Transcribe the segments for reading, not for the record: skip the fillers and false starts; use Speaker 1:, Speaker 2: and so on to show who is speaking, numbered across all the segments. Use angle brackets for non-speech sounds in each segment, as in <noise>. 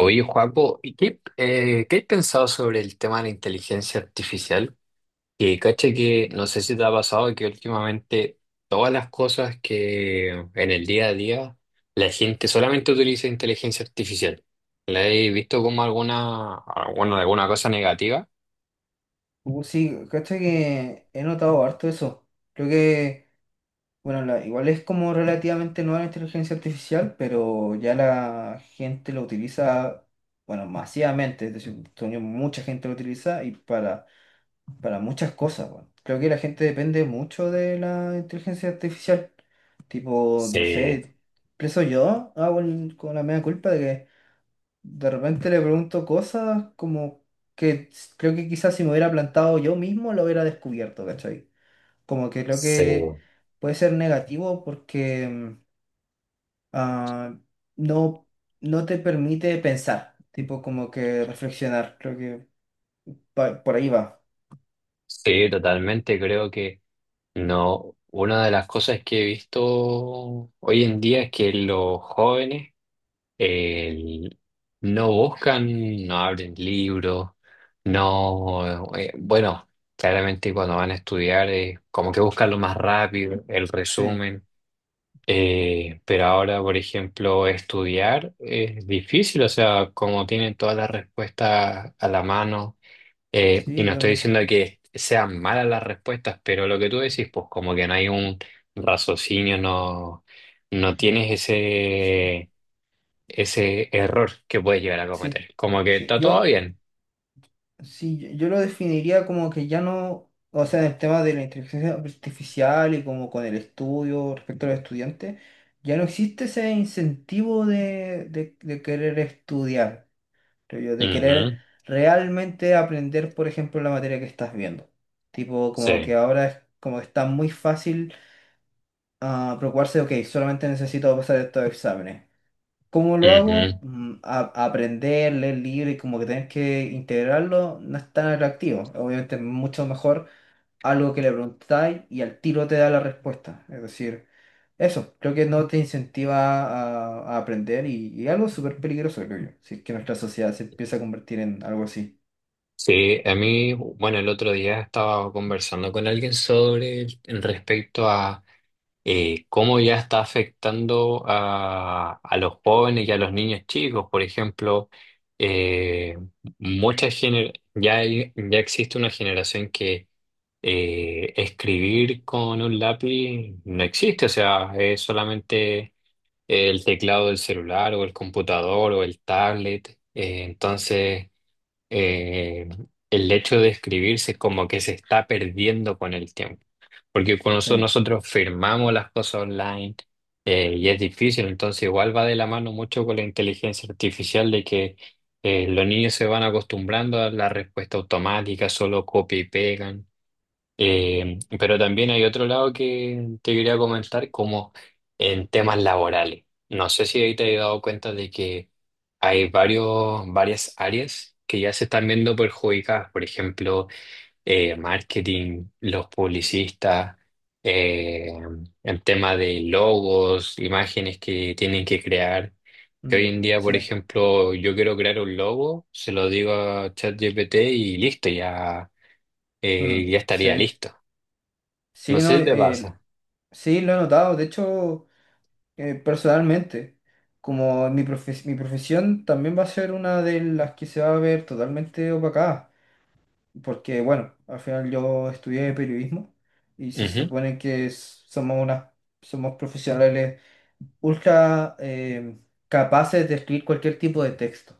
Speaker 1: Oye, Juaco, ¿ qué has pensado sobre el tema de la inteligencia artificial? Que caché que no sé si te ha pasado que últimamente todas las cosas que en el día a día la gente solamente utiliza inteligencia artificial. ¿La he visto como alguna, bueno, alguna cosa negativa?
Speaker 2: Sí, cacha que he notado harto eso. Creo que, bueno, igual es como relativamente nueva la inteligencia artificial, pero ya la gente lo utiliza, bueno, masivamente. Es decir, todavía mucha gente lo utiliza y para muchas cosas, bueno. Creo que la gente depende mucho de la inteligencia artificial. Tipo, no
Speaker 1: Sí,
Speaker 2: sé, preso yo hago con la mea culpa de que de repente le pregunto cosas como creo que quizás si me hubiera plantado yo mismo lo hubiera descubierto, ¿cachai? Como que creo
Speaker 1: sí,
Speaker 2: que puede ser negativo porque ah, no, no te permite pensar, tipo como que reflexionar, creo que por ahí va.
Speaker 1: sí, totalmente. Creo que no. Una de las cosas que he visto hoy en día es que los jóvenes el- no buscan, no abren libros, no, bueno, claramente cuando van a estudiar, como que buscan lo más rápido, el
Speaker 2: Sí,
Speaker 1: resumen. Pero ahora, por ejemplo, estudiar es difícil, o sea, como tienen todas las respuestas a la mano, y
Speaker 2: sí,
Speaker 1: no estoy
Speaker 2: totalmente.
Speaker 1: diciendo que sean malas las respuestas, pero lo que tú decís, pues como que no hay un raciocinio, no, no tienes
Speaker 2: So, sí,
Speaker 1: ese error que puedes llegar a
Speaker 2: sí,
Speaker 1: cometer. Como que
Speaker 2: sí.
Speaker 1: está todo bien.
Speaker 2: Sí, yo lo definiría como que ya no, o sea, en el tema de la inteligencia artificial y como con el estudio respecto a los estudiantes, ya no existe ese incentivo de, de querer estudiar, creo yo, de querer
Speaker 1: Ujú.
Speaker 2: realmente aprender, por ejemplo, la materia que estás viendo. Tipo, como que
Speaker 1: Sí.
Speaker 2: ahora es como que está muy fácil preocuparse, ok, solamente necesito pasar estos exámenes. ¿Cómo lo
Speaker 1: Ujú.
Speaker 2: hago? Mm, aprender, leer libros y como que tener que integrarlo no es tan atractivo. Obviamente es mucho mejor algo que le preguntáis y al tiro te da la respuesta. Es decir, eso, creo que no te incentiva a aprender y algo súper peligroso, creo yo. Si es que nuestra sociedad se empieza a convertir en algo así.
Speaker 1: Sí, a mí, bueno, el otro día estaba conversando con alguien sobre en respecto a cómo ya está afectando a los jóvenes y a los niños chicos. Por ejemplo, eh, ya, ya existe una generación que escribir con un lápiz no existe, o sea, es solamente el teclado del celular o el computador o el tablet. Entonces, eh, el hecho de escribirse es como que se está perdiendo con el tiempo, porque con nosotros,
Speaker 2: Sí,
Speaker 1: nosotros firmamos las cosas online, y es difícil, entonces igual va de la mano mucho con la inteligencia artificial de que los niños se van acostumbrando a la respuesta automática, solo copia y pegan. Pero también hay otro lado que te quería comentar, como en temas laborales. No sé si ahí te has dado cuenta de que hay varios, varias áreas que ya se están viendo perjudicadas. Por ejemplo, marketing, los publicistas, eh, el tema de logos, imágenes que tienen que crear. Que hoy
Speaker 2: mm,
Speaker 1: en día,
Speaker 2: sí,
Speaker 1: por ejemplo, yo quiero crear un logo, se lo digo a ChatGPT y listo, ya,
Speaker 2: mm,
Speaker 1: ya estaría
Speaker 2: sí.
Speaker 1: listo.
Speaker 2: Sí,
Speaker 1: No sé
Speaker 2: no,
Speaker 1: si te pasa.
Speaker 2: sí, lo he notado. De hecho, personalmente, como mi mi profesión también va a ser una de las que se va a ver totalmente opacada, porque bueno, al final yo estudié periodismo y se
Speaker 1: Ujú.
Speaker 2: supone que somos unas, somos profesionales ultra capaces de escribir cualquier tipo de texto.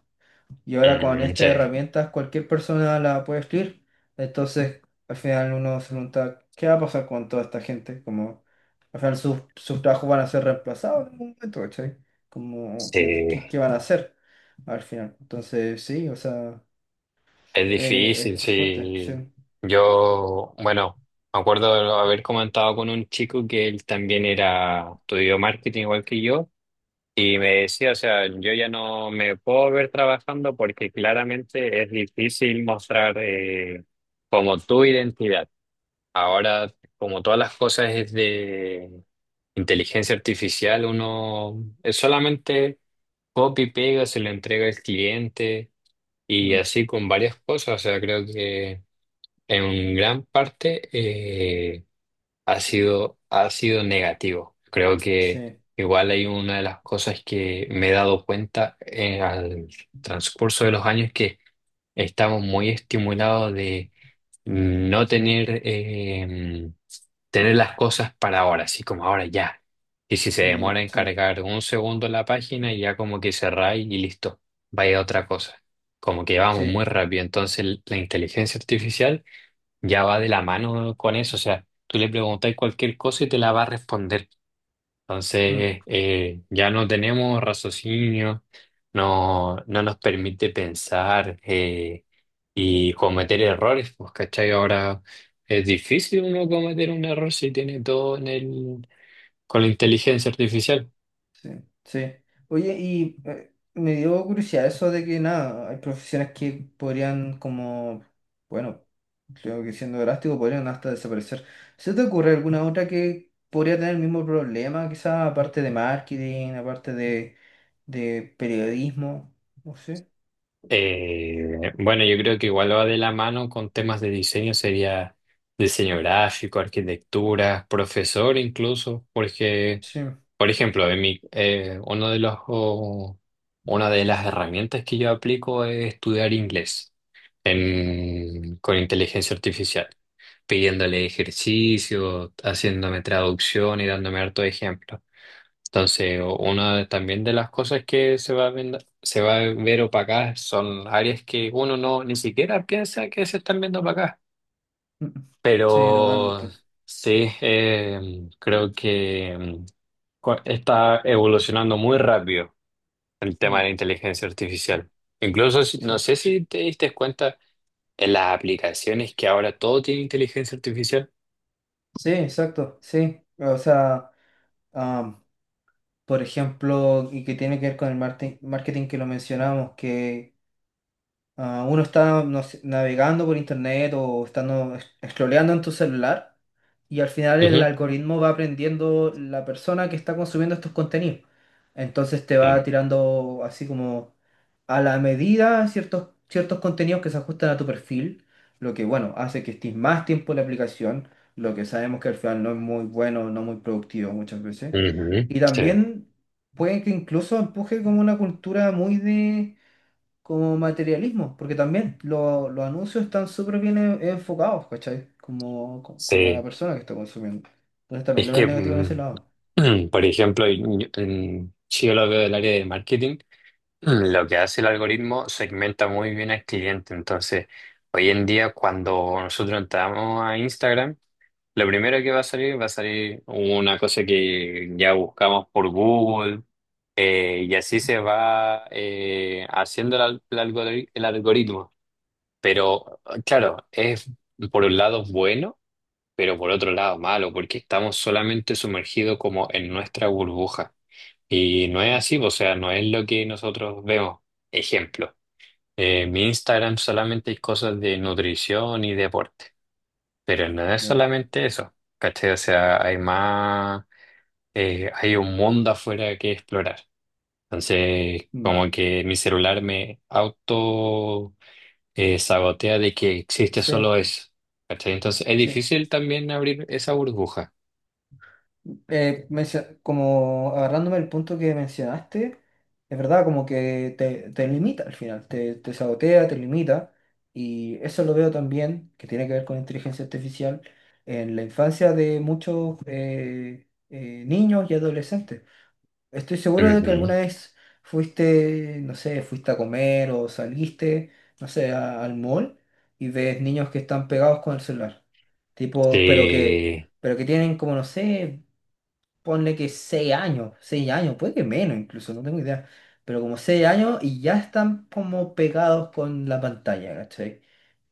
Speaker 2: Y ahora con
Speaker 1: Mm,
Speaker 2: estas
Speaker 1: sí,
Speaker 2: herramientas cualquier persona la puede escribir. Entonces, al final uno se pregunta, ¿qué va a pasar con toda esta gente? Como, al final sus trabajos van a ser reemplazados en algún momento, ¿cachai? Como, ¿qué,
Speaker 1: sí,
Speaker 2: qué van a hacer al final? Entonces, sí, o sea,
Speaker 1: es difícil,
Speaker 2: es fuerte, sí.
Speaker 1: sí. Yo, bueno, me acuerdo de haber comentado con un chico que él también era, estudió marketing igual que yo, y me decía, o sea, yo ya no me puedo ver trabajando porque claramente es difícil mostrar como tu identidad. Ahora, como todas las cosas es de inteligencia artificial, uno es solamente copia y pega, se lo entrega al cliente y
Speaker 2: Mm,
Speaker 1: así con varias cosas. O sea, creo que en gran parte ha sido negativo. Creo que
Speaker 2: sí,
Speaker 1: igual hay una de las cosas que me he dado cuenta en el transcurso de los años que estamos muy estimulados de no tener, tener las cosas para ahora, así como ahora ya. Y si se demora
Speaker 2: mm,
Speaker 1: en
Speaker 2: sí,
Speaker 1: cargar un segundo la página, ya como que cerráis y listo, vaya a otra cosa. Como que vamos
Speaker 2: sí.
Speaker 1: muy rápido. Entonces la inteligencia artificial ya va de la mano con eso. O sea, tú le preguntáis cualquier cosa y te la va a responder.
Speaker 2: Mm.
Speaker 1: Entonces, ya no tenemos raciocinio, no, no nos permite pensar, y cometer errores, pues, ¿cachai? Ahora es difícil uno cometer un error si tiene todo en el, con la inteligencia artificial.
Speaker 2: Sí, sí. Oye, y me dio curiosidad eso de que nada, hay profesiones que podrían como, bueno, creo que siendo drástico podrían hasta desaparecer. ¿Se te ocurre alguna otra que podría tener el mismo problema, quizá aparte de marketing, aparte de periodismo? No sé.
Speaker 1: Bueno, yo creo que igual va de la mano con temas de diseño, sería diseño gráfico, arquitectura, profesor incluso, porque...
Speaker 2: Sí, <laughs>
Speaker 1: Por ejemplo, en mi, uno de los, o- una de las herramientas que yo aplico es estudiar inglés con inteligencia artificial, pidiéndole ejercicio, haciéndome traducción y dándome harto ejemplo. Entonces, también de las cosas que se va a ver opacadas son áreas que uno no ni siquiera piensa que se están viendo opacadas.
Speaker 2: mm, sí,
Speaker 1: Pero
Speaker 2: totalmente.
Speaker 1: sí, creo que está evolucionando muy rápido el tema de
Speaker 2: Mm,
Speaker 1: la inteligencia artificial. Incluso,
Speaker 2: sí.
Speaker 1: no sé si te diste cuenta en las aplicaciones que ahora todo tiene inteligencia artificial.
Speaker 2: Sí, exacto, sí. O sea, am, por ejemplo, y que tiene que ver con el marketing que lo mencionamos, que ah, uno está no sé, navegando por internet o estando scrolleando en tu celular y al final el
Speaker 1: Ujú.
Speaker 2: algoritmo va aprendiendo la persona que está consumiendo estos contenidos. Entonces te
Speaker 1: Sí.
Speaker 2: va tirando así como a la medida ciertos contenidos que se ajustan a tu perfil, lo que bueno, hace que estés más tiempo en la aplicación, lo que sabemos que al final no es muy bueno, no muy productivo muchas veces.
Speaker 1: Ujú.
Speaker 2: Y
Speaker 1: Sí.
Speaker 2: también puede que incluso empuje como una cultura muy de como materialismo, porque también los anuncios están súper bien enfocados, ¿cachai? Como, como la
Speaker 1: Sí.
Speaker 2: persona que está consumiendo. Entonces también
Speaker 1: Es
Speaker 2: lo veo
Speaker 1: que,
Speaker 2: negativo en ese
Speaker 1: mm,
Speaker 2: lado.
Speaker 1: <clears throat> por ejemplo, si yo lo veo del área de marketing, mm, lo que hace el algoritmo segmenta muy bien al cliente. Entonces, hoy en día, cuando nosotros entramos a Instagram, lo primero que va a salir una cosa que ya buscamos por Google, y así se va, haciendo el algoritmo. Pero claro, es por un lado bueno, pero por otro lado malo, porque estamos solamente sumergidos como en nuestra burbuja. Y no es
Speaker 2: Mm,
Speaker 1: así, o sea, no es lo que nosotros vemos. Ejemplo, mi Instagram solamente hay cosas de nutrición y deporte. Pero no es
Speaker 2: ya.
Speaker 1: solamente eso, ¿cachai? O sea, hay más, hay un mundo afuera que explorar. Entonces,
Speaker 2: Mm.
Speaker 1: como que mi celular me auto, sabotea de que existe
Speaker 2: Sí,
Speaker 1: solo eso, ¿cachai? Entonces, es
Speaker 2: sí.
Speaker 1: difícil también abrir esa burbuja.
Speaker 2: Como agarrándome el punto que mencionaste, es verdad, como que te limita al final, te sabotea, te limita. Y eso lo veo también, que tiene que ver con inteligencia artificial, en la infancia de muchos niños y adolescentes. Estoy seguro de que alguna
Speaker 1: Ujú.
Speaker 2: vez fuiste, no sé, fuiste a comer o saliste, no sé, al mall y ves niños que están pegados con el celular. Tipo,
Speaker 1: Sí,
Speaker 2: pero que tienen como, no sé, ponle que seis años, puede que menos incluso, no tengo idea. Pero como seis años y ya están como pegados con la pantalla, ¿cachai?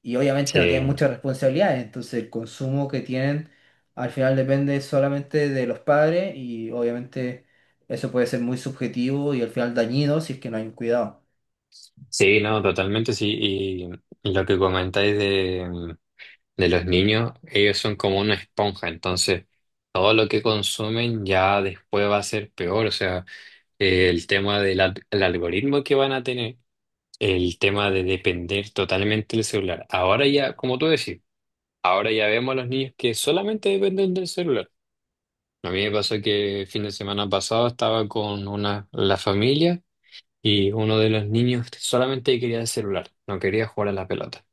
Speaker 2: Y obviamente no tienen
Speaker 1: sí,
Speaker 2: muchas responsabilidades, entonces el consumo que tienen al final depende solamente de los padres y obviamente eso puede ser muy subjetivo y al final dañino si es que no hay un cuidado.
Speaker 1: sí, no, totalmente sí. Y lo que comentáis de los niños, ellos son como una esponja, entonces todo lo que consumen ya después va a ser peor, o sea, el tema el algoritmo que van a tener, el tema de depender totalmente del celular. Ahora ya, como tú decís, ahora ya vemos a los niños que solamente dependen del celular. A mí me pasó que el fin de semana pasado estaba con una, la familia y uno de los niños solamente quería el celular, no quería jugar a la pelota.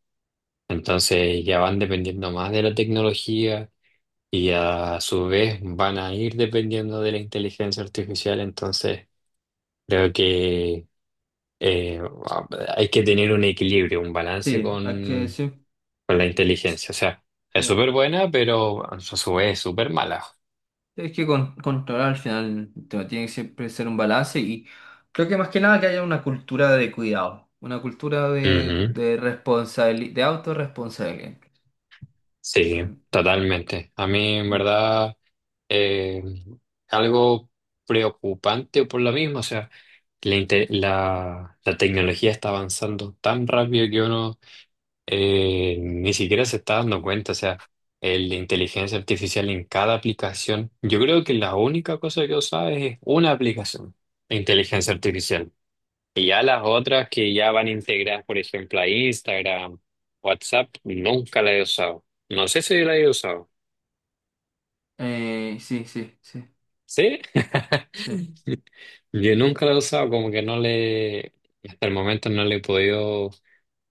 Speaker 1: Entonces ya van dependiendo más de la tecnología y a su vez van a ir dependiendo de la inteligencia artificial, entonces creo que eh, hay que tener un equilibrio, un balance
Speaker 2: Sí, hay que, sí,
Speaker 1: con la inteligencia. O sea, es
Speaker 2: sí.
Speaker 1: súper buena, pero a su vez es súper mala.
Speaker 2: Es que con, controlar al final tiene que siempre ser un balance y creo que más que nada que haya una cultura de cuidado, una cultura
Speaker 1: Ujú.
Speaker 2: de responsabilidad, de autorresponsabilidad. Sí,
Speaker 1: Sí, totalmente. A mí en
Speaker 2: mm.
Speaker 1: verdad eh, algo preocupante por lo mismo, o sea, la, inte- la la tecnología está avanzando tan rápido que uno... ni siquiera se está dando cuenta, o sea, el de inteligencia artificial en cada aplicación. Yo creo que la única cosa que usaba es una aplicación de inteligencia artificial. Y ya las otras que ya van integradas, por ejemplo, a Instagram, WhatsApp, nunca la he usado. No sé si la he usado.
Speaker 2: Sí, sí, sí,
Speaker 1: ¿Sí?
Speaker 2: sí,
Speaker 1: <laughs> Yo nunca la he usado, como que no le, hasta el momento no le he podido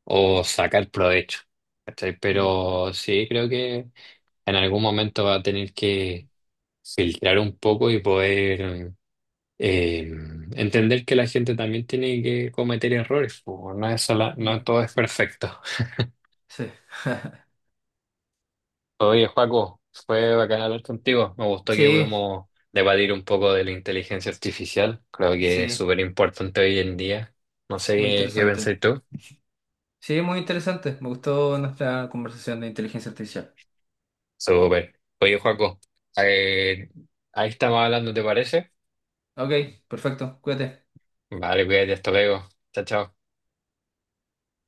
Speaker 1: o sacar provecho, ¿cachai?
Speaker 2: mm,
Speaker 1: Pero sí, creo que en algún momento va a tener que filtrar un poco y poder eh, entender que la gente también tiene que cometer errores, po. No
Speaker 2: muy,
Speaker 1: todo es perfecto.
Speaker 2: sí. <laughs>
Speaker 1: Oye, Joaco, fue bacán hablar contigo, me gustó que
Speaker 2: Sí,
Speaker 1: pudimos debatir un poco de la inteligencia artificial, creo que es
Speaker 2: sí,
Speaker 1: súper importante hoy en día, no sé
Speaker 2: muy
Speaker 1: qué, qué
Speaker 2: interesante.
Speaker 1: pensáis tú.
Speaker 2: Sí, muy interesante. Me gustó nuestra conversación de inteligencia artificial.
Speaker 1: Súper. Oye, Joaco, eh, ahí estamos hablando, ¿te parece?
Speaker 2: Ok, perfecto, cuídate.
Speaker 1: Vale, cuídate, hasta luego. Chao, chao.